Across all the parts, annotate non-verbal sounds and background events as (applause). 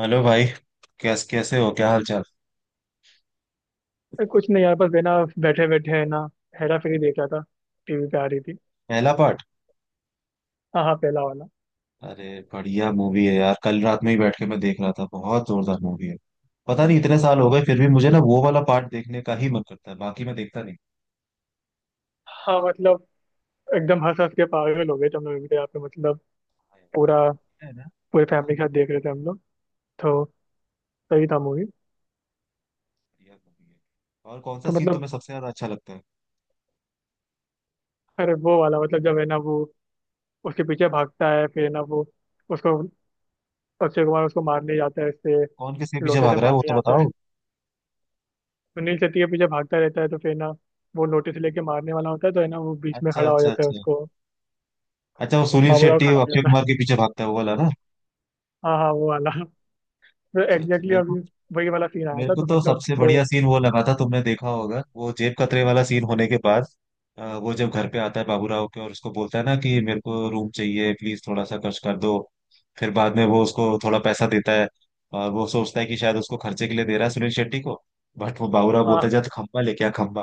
Hello भाई। कैसे हो, क्या हाल चाल? अरे कुछ नहीं यार, बस है ना। बैठे बैठे है ना। हेरा फेरी देख रहा था। टीवी पे आ रही थी। पहला पार्ट। हाँ हाँ, पहला वाला। अरे बढ़िया मूवी है यार, कल रात में ही बैठ के मैं देख रहा था, बहुत जोरदार मूवी है। पता नहीं इतने साल हो गए फिर भी मुझे ना वो वाला पार्ट देखने का ही मन करता है, बाकी मैं देखता नहीं। हाँ मतलब, एकदम हंस हंस के पागल हो गए थे हम लोग भी यहाँ पे, मतलब हाँ पूरा, यार, है ना। पूरे बहुत फैमिली के साथ देख रहे थे हम लोग। तो सही था मूवी। बढ़िया मूवी है। और कौन सा तो सीन मतलब, तुम्हें सबसे ज्यादा अच्छा लगता है? अरे वो वाला, मतलब जब है ना वो उसके पीछे भागता है, फिर है ना वो उसको, अक्षय कुमार उसको मारने जाता है, इससे कौन किसके पीछे लोटे से भाग रहा है वो मारने तो जाता है। बताओ। सुनील शेट्टी के पीछे भागता रहता है तो फिर ना, वो लोटे से लेके मारने वाला होता है तो है ना, वो बीच में अच्छा खड़ा हो अच्छा जाता है अच्छा। उसको, अच्छा वो सुनील बाबूराव शेट्टी खड़ा और हो अक्षय जाता कुमार है। के पीछे भागता है वो वाला ना। हाँ हाँ, वो वाला। अच्छा अच्छा। एग्जैक्टली। मेरे को अभी वही वाला सीन आया मेरे था को तो तो मतलब सबसे वो, बढ़िया सीन वो लगा था। तुमने देखा होगा वो जेब कतरे वाला सीन होने के बाद वो जब घर पे आता है बाबूराव के और उसको बोलता है ना कि मेरे को रूम चाहिए, प्लीज थोड़ा सा खर्च कर दो। फिर बाद में वो उसको थोड़ा पैसा देता है और वो सोचता है कि शायद उसको खर्चे के लिए दे रहा है सुनील शेट्टी को, बट वो बाबूराव हाँ बोलता है जा तो खंबा लेके आ खंबा।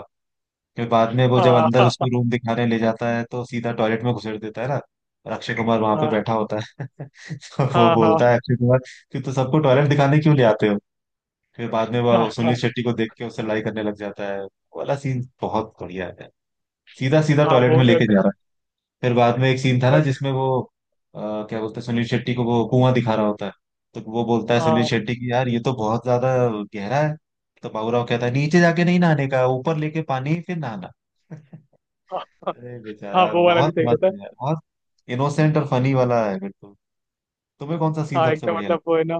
फिर बाद में वो जब हाँ अंदर हाँ। उसको रूम दिखाने ले जाता है तो सीधा टॉयलेट में घुसेड़ देता है ना, और अक्षय कुमार वहां पे हाँ बैठा होता है (laughs) तो वो हाँ हाँ। बोलता है अक्षय कुमार कि तू तो सबको टॉयलेट दिखाने क्यों ले आते हो। फिर बाद में हाँ वो सुनील हाँ शेट्टी को देख के उससे लड़ाई करने लग जाता है। वो वाला सीन बहुत बढ़िया है, सीधा सीधा हाँ, टॉयलेट वो में तो लेके एकदम। जा रहा है। फिर बाद में एक सीन था ना हाँ जिसमें वो क्या बोलते हैं, सुनील शेट्टी को वो कुआं दिखा रहा होता है, तो वो बोलता है सुनील शेट्टी की यार ये तो बहुत ज्यादा गहरा है, तो बाबूराव कहता है नीचे जाके नहीं नहाने का, ऊपर लेके पानी ही फिर नहाना। (laughs) हाँ हाँ। अरे हाँ, बेचारा वो वाला भी बहुत सही मस्त रहता है। है यार, बहुत इनोसेंट और फनी वाला है बिल्कुल। तुम्हें कौन सा सीन हाँ सबसे एकदम, बढ़िया मतलब लगता वो है? है ना,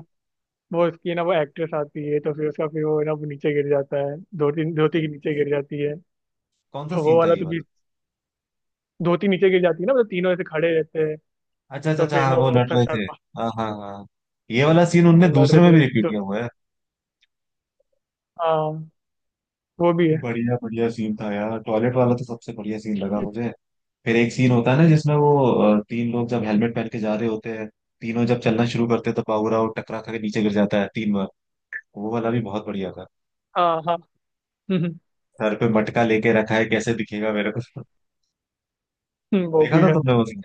वो उसकी है ना वो एक्ट्रेस आती है तो फिर उसका, फिर वो है ना, वो नीचे गिर जाता है, धोती धोती के नीचे गिर जाती है। कौन सा तो वो सीन था वाला ये तो भी, वाला? धोती नीचे गिर जाती है ना, मतलब तीनों ऐसे खड़े रहते हैं। अच्छा अच्छा तो अच्छा, फिर हाँ ना वो वो लड़ उसका रहे थे। शर्मा, हाँ हाँ हाँ। ये वाला सीन उनने लड़ दूसरे रहे में भी थे रिपीट तो। किया हुआ है। हाँ, वो भी है। बढ़िया बढ़िया सीन था यार, टॉयलेट वाला तो सबसे बढ़िया सीन लगा मुझे। फिर एक सीन होता है ना जिसमें वो तीन लोग जब हेलमेट पहन के जा रहे होते हैं, तीनों जब चलना शुरू करते हैं तो पावरा टकरा खा के नीचे गिर जाता है तीन बार। वो वाला भी बहुत बढ़िया था। हाँ हाँ। हम्म। सर पे मटका लेके रखा है कैसे दिखेगा मेरे को। (laughs) वो देखा भी था है। तुमने वो सीन?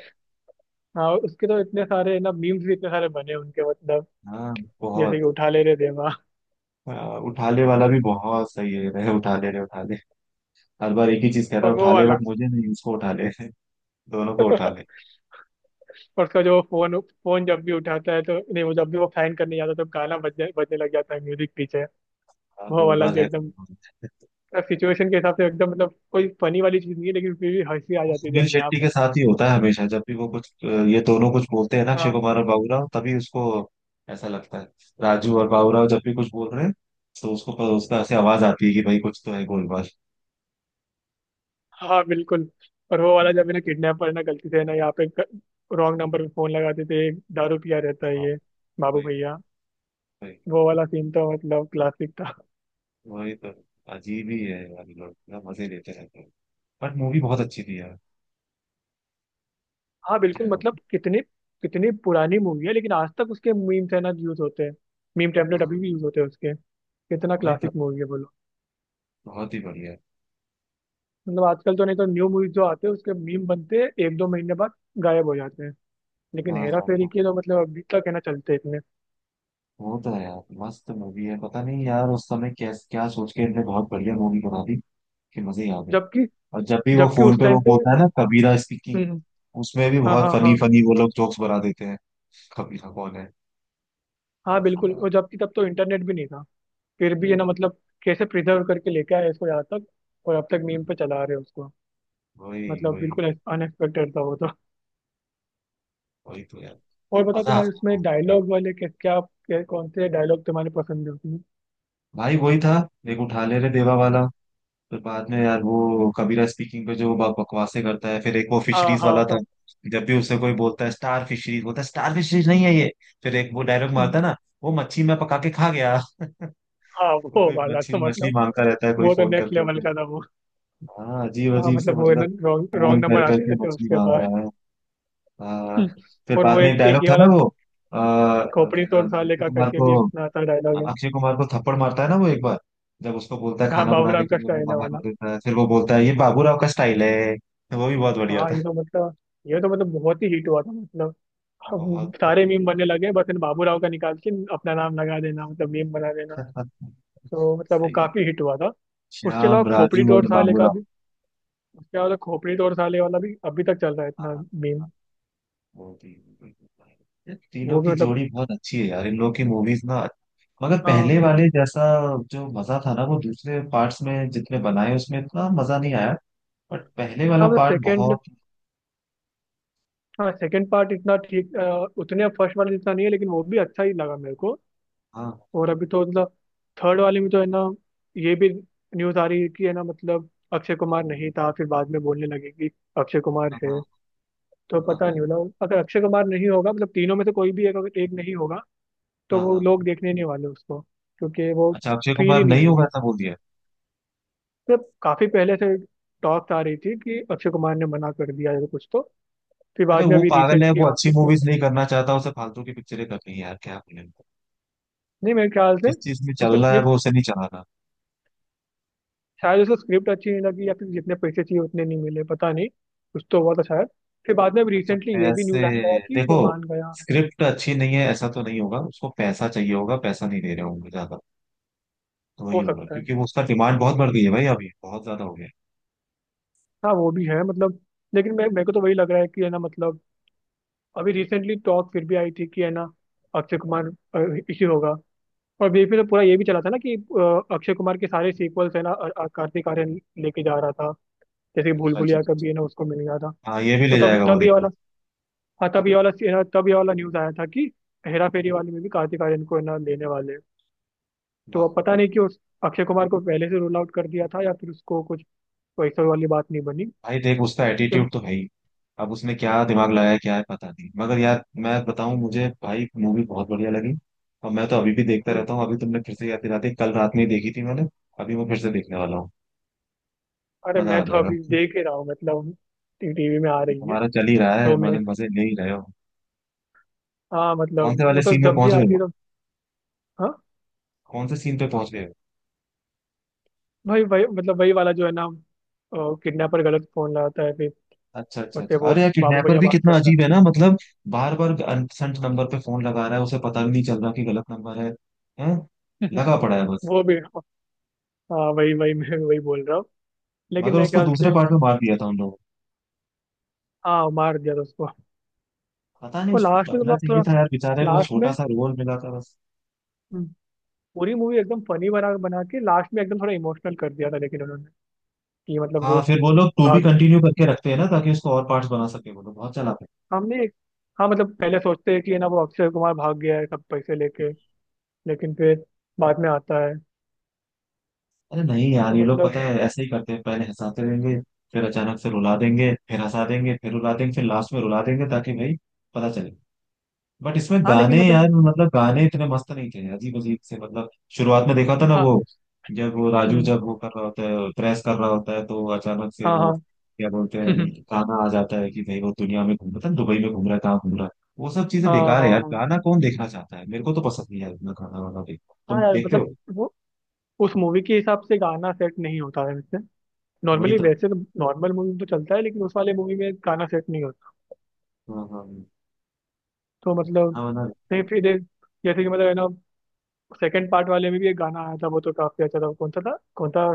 हाँ, उसके तो इतने सारे ना मीम्स भी इतने सारे बने उनके, मतलब हाँ जैसे कि बहुत। उठा ले रे देवा। हाँ, उठाले वाला भी बहुत सही है। (laughs) रे उठाले रे उठाले, हर बार एक ही चीज कहता है और वो उठाले, वाला। बट मुझे नहीं उसको उठाले। (laughs) दोनों को (laughs) उठाले। और उसका जो फोन फोन जब भी उठाता है तो, नहीं वो जब भी वो फैन करने जाता है तो गाना बजने बजने लग जाता है, म्यूजिक पीछे। हाँ वो वाला गोलमाल भी है एकदम गोलमाल है। सिचुएशन के हिसाब से एकदम, मतलब कोई फनी वाली चीज नहीं है लेकिन फिर भी हंसी आ वो जाती थी सुनील अपने आप। शेट्टी के साथ ही होता है हमेशा, जब भी वो कुछ ये दोनों कुछ बोलते हैं ना अक्षय हाँ कुमार और बाबूराव तभी उसको ऐसा लगता है। राजू और बाबूराव जब भी कुछ बोल रहे हैं तो उसको पर उसका ऐसे आवाज आती है कि भाई कुछ तो है गोलमाल। हाँ बिल्कुल। और वो वाला हम्म, जब है ना, किडनैपर ना गलती से है ना, यहाँ पे रॉन्ग नंबर पे फोन लगा देते हैं, दारू पिया रहता है हाँ, ये बाबू वही भैया। वही। वो वाला सीन तो मतलब क्लासिक था। वही तो, अजीब ही है यार, ये लोग ना मजे लेते रहते हैं। बट मूवी बहुत अच्छी थी यार, हाँ बिल्कुल, क्या बोलूं? मतलब कितनी, कितनी पुरानी मूवी है लेकिन आज तक उसके मीम्स है ना यूज होते हैं। मीम टेम्पलेट अभी भी यूज होते हैं उसके, कितना वही तो। क्लासिक मूवी है बोलो। बहुत ही बढ़िया। मतलब आजकल तो नहीं तो, न्यू मूवीज जो आते हैं उसके मीम बनते हैं, एक दो महीने बाद गायब हो जाते हैं। लेकिन हाँ हेरा हाँ फेरी हाँ। के तो मतलब अभी तक है ना चलते इतने। वो तो है यार, मस्त मूवी है। पता नहीं यार उस समय क्या क्या सोच के इनने बहुत बढ़िया मूवी बना दी कि मजे ही आ गए। जबकि, और जब भी वो जबकि फोन उस पे टाइम वो पे। बोलता है ना कबीरा स्पीकिंग, हम्म। उसमें भी हाँ बहुत हाँ फनी हाँ। फनी वो लोग जोक्स बना देते हैं। कबीरा कौन है? हाँ मस्त बिल्कुल, यार। और जबकि तब तो इंटरनेट भी नहीं था। फिर भी है ना, मतलब कैसे प्रिजर्व करके लेके आए इसको यहाँ तक, और अब तक मीम पे चला रहे हैं उसको। वही मतलब वही। बिल्कुल अनएक्सपेक्टेड था वो तो। वही तो यार, और बताओ मजा तुम्हारे आता उसमें है। डायलॉग वाले के क्या कौन से डायलॉग तुम्हारे पसंद है उसमें। भाई वही था, एक उठा ले रे देवा वाला। फिर बाद में यार वो कबीरा स्पीकिंग पे जो बकवासें करता है। फिर एक वो हाँ फिशरीज हाँ वाला था, हाँ। जब भी उसे कोई बोलता है स्टार फिशरीज, बोलता है स्टार फिशरीज नहीं है ये। फिर एक वो डायलॉग मारता है ना, वो मच्छी मैं पका के खा गया। हाँ (laughs) वो वो कोई वाला तो मच्छी मछली मतलब, मांगता रहता है कोई वो तो फोन नेक्स्ट करके। लेवल का था वो। हाँ अजीब हाँ अजीब से मतलब, वो है ना मतलब, रॉन्ग फोन रॉन्ग कर नंबर आते करके रहते हैं मछली उसके मांग बाद। रहा है। हाँ। (laughs) फिर और वो बाद में एक एक एक डायलॉग ये था ना वाला, वो आ, खोपड़ी क्या तोड़ नाम है, साले का करके भी एक इतना अच्छा डायलॉग है। अक्षय कुमार को थप्पड़ मारता है ना वो एक बार, जब उसको बोलता है यहाँ खाना बनाने बाबूराम के का लिए वो स्टाइल है मना वाला। कर देता है, फिर वो बोलता है ये बाबूराव का स्टाइल है, तो वो भी बहुत बढ़िया हाँ था। ये तो मतलब, ये तो मतलब बहुत ही हिट हुआ था, मतलब हम बहुत सारे मीम बनने लगे, बस इन बाबूराव का निकाल के अपना नाम लगा देना, मतलब मीम बना देना। बढ़िया। तो (laughs) मतलब वो सही। काफी हिट हुआ था। उसके अलावा श्याम, खोपड़ी राजू तोड़ और साले का बाबूराव। भी, उसके बाद तो खोपड़ी तोड़ साले वाला भी अभी तक चल रहा है, इतना मीम। वो भी यार, तीनों वो भी की मतलब, जोड़ी बहुत अच्छी है यार, इन लोग की मूवीज ना मगर हाँ पहले वाले जैसा जो मजा था ना, वो दूसरे पार्ट्स में जितने बनाए उसमें इतना मजा नहीं आया। बट पहले वाला हाँ मतलब पार्ट सेकंड, बहुत। हाँ सेकंड पार्ट इतना ठीक उतने फर्स्ट वाले जितना नहीं है लेकिन वो भी अच्छा ही लगा मेरे को। हाँ और अभी तो मतलब थर्ड वाले में तो है ना, ये भी न्यूज़ आ रही है कि है ना, मतलब अक्षय कुमार नहीं था, फिर बाद में बोलने लगे कि अक्षय कुमार है। हाँ तो पता नहीं हाँ। मतलब, अगर अक्षय कुमार नहीं होगा मतलब, तीनों में से कोई भी एक अगर एक नहीं होगा हाँ तो हाँ वो हाँ। लोग देखने नहीं वाले उसको, क्योंकि वो अच्छा अक्षय फील कुमार ही नहीं नहीं होगा आएगी। ऐसा बोल दिया? जब काफी पहले से टॉक्स आ रही थी कि अक्षय कुमार ने मना कर दिया या कुछ तो, फिर अरे बाद में वो अभी पागल है, रिसेंटली वो अच्छी वापस से। मूवीज नहीं करना चाहता, उसे फालतू की पिक्चरें करनी है यार, क्या बोले। नहीं मेरे ख्याल से, जिस चीज में उसको चल रहा है स्क्रिप्ट, वो उसे नहीं चलाना। शायद उसको स्क्रिप्ट अच्छी नहीं लगी या फिर जितने पैसे चाहिए उतने नहीं मिले, पता नहीं। कुछ तो हुआ था शायद। फिर बाद में अभी अच्छा रिसेंटली ये भी पैसे। न्यूज आने लगा कि देखो, वो मान गया है। स्क्रिप्ट अच्छी नहीं है ऐसा तो नहीं होगा, उसको पैसा चाहिए होगा, पैसा नहीं दे रहे होंगे ज्यादा, तो वही हो होगा, सकता है। क्योंकि वो उसका डिमांड बहुत बढ़ गई है भाई, अभी बहुत ज्यादा हो गया है। हाँ वो भी है, मतलब लेकिन मैं, मेरे को तो वही लग रहा है कि है ना, मतलब अभी रिसेंटली टॉक फिर भी आई थी कि है ना, अक्षय कुमार इश्यू होगा। और बीच में तो पूरा ये भी चला था ना कि अक्षय कुमार के सारे सीक्वल्स है ना, कार्तिक आर्यन लेके जा रहा था, जैसे कि भूल अच्छा अच्छा भुलैया अच्छा कभी अच्छा। है ना उसको मिल गया था। हाँ ये भी तो ले तब जाएगा वो तब ये देखना। वाला, हाँ तब ये वाला है ना, तब ये वाला न्यूज आया था कि हेरा फेरी वाले में भी कार्तिक आर्यन को है ना लेने वाले हैं। वाह। तो अब पता नहीं कि उस अक्षय कुमार को पहले से रूल आउट कर दिया था या फिर उसको कुछ वैसा वाली बात नहीं बनी। भाई देख उसका तो एटीट्यूड तो है ही, अब उसने क्या दिमाग लगाया क्या है पता नहीं, मगर यार मैं बताऊं, मुझे भाई मूवी बहुत बढ़िया लगी। और मैं तो अभी भी देखता हम्म। रहता हूँ, अभी तुमने फिर से याद दिला दी, कल रात में ही देखी थी मैंने। अभी मैं फिर से देखने वाला हूँ। अरे मजा मैं आ तो जाएगा। अभी देख ही रहा हूँ मतलब, टीवी में आ ये रही है। तुम्हारा चल ही रहा तो है, मैं, मजे मजे ले ही रहे हो। हाँ कौन से मतलब वाले वो तो सीन में जब भी पहुंच गए आती है हो? तो। हाँ कौन से सीन पे पहुंच गए हो? भाई वही, मतलब वही वाला जो है ना, किडनैपर गलत फोन लगाता है, फिर अच्छा अच्छा उससे अच्छा, वो अरे यार बाबू किडनैपर भैया भी बात कितना करता अजीब है है। ना मतलब, बार बार अनसेंट नंबर पे फोन लगा रहा है, उसे पता भी नहीं चल रहा कि गलत नंबर है। हैं। लगा पड़ा है बस। वो भी। हाँ वही वही, मैं भी वही बोल रहा हूँ, लेकिन मगर मेरे उसको ख्याल दूसरे से। पार्ट में मार दिया था उन लोगों हाँ मार दिया था उसको। ने। पता नहीं और उसको लास्ट में तो रखना मतलब चाहिए थोड़ा, था यार, बेचारे को लास्ट में, छोटा सा रोल मिला था बस। हम्म, पूरी मूवी एकदम फनी बना बना के लास्ट में एकदम थोड़ा इमोशनल कर दिया था लेकिन उन्होंने, कि मतलब वो हाँ फिर वो लोग टू भी भाग गया, कंटिन्यू करके रखते हैं ना ताकि उसको और पार्ट्स बना सके, वो लोग बहुत चलाते हैं। हमने, हाँ मतलब पहले सोचते हैं कि है ना वो अक्षय कुमार भाग गया है सब पैसे लेके, लेकिन फिर बाद में आता है। अरे नहीं यार, तो ये लोग मतलब। पता है ऐसे ही करते हैं, पहले हंसाते रहेंगे फिर अचानक से रुला देंगे, फिर हंसा देंगे फिर रुला देंगे, फिर लास्ट में रुला देंगे ताकि भाई पता चले। बट इसमें हाँ लेकिन गाने मतलब। यार, मतलब गाने इतने मस्त नहीं थे, अजीब अजीब से मतलब। शुरुआत में देखा था ना हाँ। वो, जब वो राजू हम्म। जब वो कर रहा होता है प्रेस कर रहा होता है तो अचानक से वो हाँ क्या बोलते हैं हाँ। (laughs) गाना आ जाता है कि भाई वो दुनिया में घूम, पता नहीं दुबई में घूम रहा है कहाँ घूम रहा है। वो सब चीजें हाँ बेकार हाँ है यार, हाँ। गाना कौन देखना चाहता है, मेरे को तो पसंद नहीं है इतना गाना वाना देखना, हाँ तुम यार देखते हो? मतलब, वो उस मूवी के हिसाब से गाना सेट नहीं होता है वैसे, वही नॉर्मली तो। वैसे तो, नॉर्मल मूवी में तो चलता है लेकिन उस वाले मूवी में गाना सेट नहीं होता। हाँ हाँ हाँ। तो मतलब, गाना वाना। नहीं फिर एक- जैसे कि मतलब है ना, सेकंड पार्ट वाले में भी एक गाना आया था, वो तो काफी अच्छा था। वो कौन सा था, कौन सा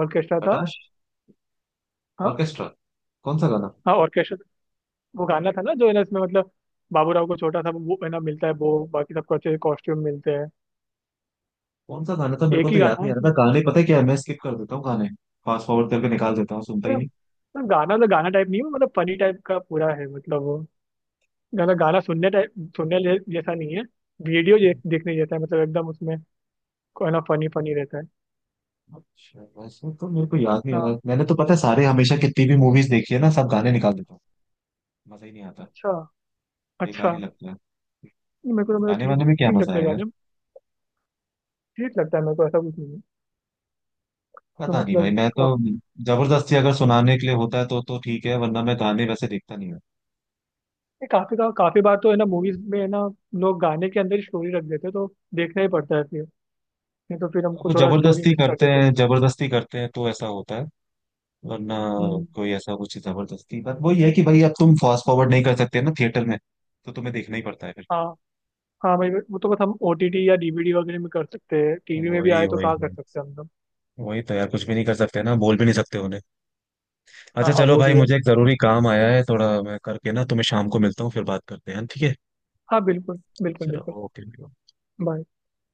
ऑर्केस्ट्रा था। खटाश। हाँ ऑर्केस्ट्रा। कौन सा गाना? हाँ ऑर्केस्ट्रा। वो गाना था ना जो है ना इसमें, मतलब बाबू राव को छोटा सा वो है ना मिलता है, वो बाकी सबको अच्छे कॉस्ट्यूम मिलते हैं। कौन सा गाना था मेरे को एक तो ही याद गाना है नहीं आ रहा, उसमें। था गाने पता है क्या है? मैं स्किप कर देता हूँ गाने, फास्ट फॉरवर्ड करके निकाल देता हूँ, सुनता ही यार नहीं। मतलब गाना तो गाना टाइप नहीं है, मतलब फनी टाइप का पूरा है, मतलब वो गाना, गाना सुनने टाइप जैसा नहीं है, वीडियो देखने जैसा है, मतलब एकदम उसमें कोई ना फनी फनी रहता है। अच्छा वैसे तो मेरे को याद नहीं आ रहा, हाँ। मैंने तो पता है सारे हमेशा कितनी भी मूवीज देखी है ना, सब गाने निकाल देता हूँ। मजा ही नहीं आता। अच्छा अच्छा। बेकार ही लगता है। मेरे को तो, मेरे को गाने वाने ठीक में क्या ठीक मजा लगता है है यार। गाने। ठीक लगता है मेरे को, ऐसा कुछ नहीं है। तो पता नहीं भाई मतलब मैं तो, जबरदस्ती अगर सुनाने के लिए होता है तो ठीक है, वरना मैं गाने वैसे देखता नहीं हूँ। ये काफी काफी बार तो है ना मूवीज में है ना, लोग गाने के अंदर ही स्टोरी रख देते हैं तो देखना ही पड़ता है फिर, नहीं तो फिर अब हमको वो थोड़ा स्टोरी जबरदस्ती मिस कर करते देते हैं। हैं, जबरदस्ती करते हैं तो ऐसा होता है, वरना हम्म। कोई ऐसा कुछ जबरदस्ती। बट वही है कि भाई अब तुम फास्ट फॉरवर्ड नहीं कर सकते ना थिएटर में, तो तुम्हें देखना ही पड़ता है फिर। हाँ। हाँ भाई वो तो बस हम ओटीटी या डीवीडी वगैरह में कर सकते हैं, टीवी में भी वही आए तो वही। कहाँ कर वही सकते हैं हम लोग। वही तो यार, कुछ भी नहीं कर सकते ना, बोल भी नहीं सकते उन्हें। हाँ अच्छा हाँ चलो वो भाई, भी है। मुझे एक जरूरी काम आया है थोड़ा मैं करके ना तुम्हें शाम को मिलता हूँ, फिर बात करते हैं, ठीक है? हाँ बिल्कुल बिल्कुल चलो बिल्कुल। ओके। Bye।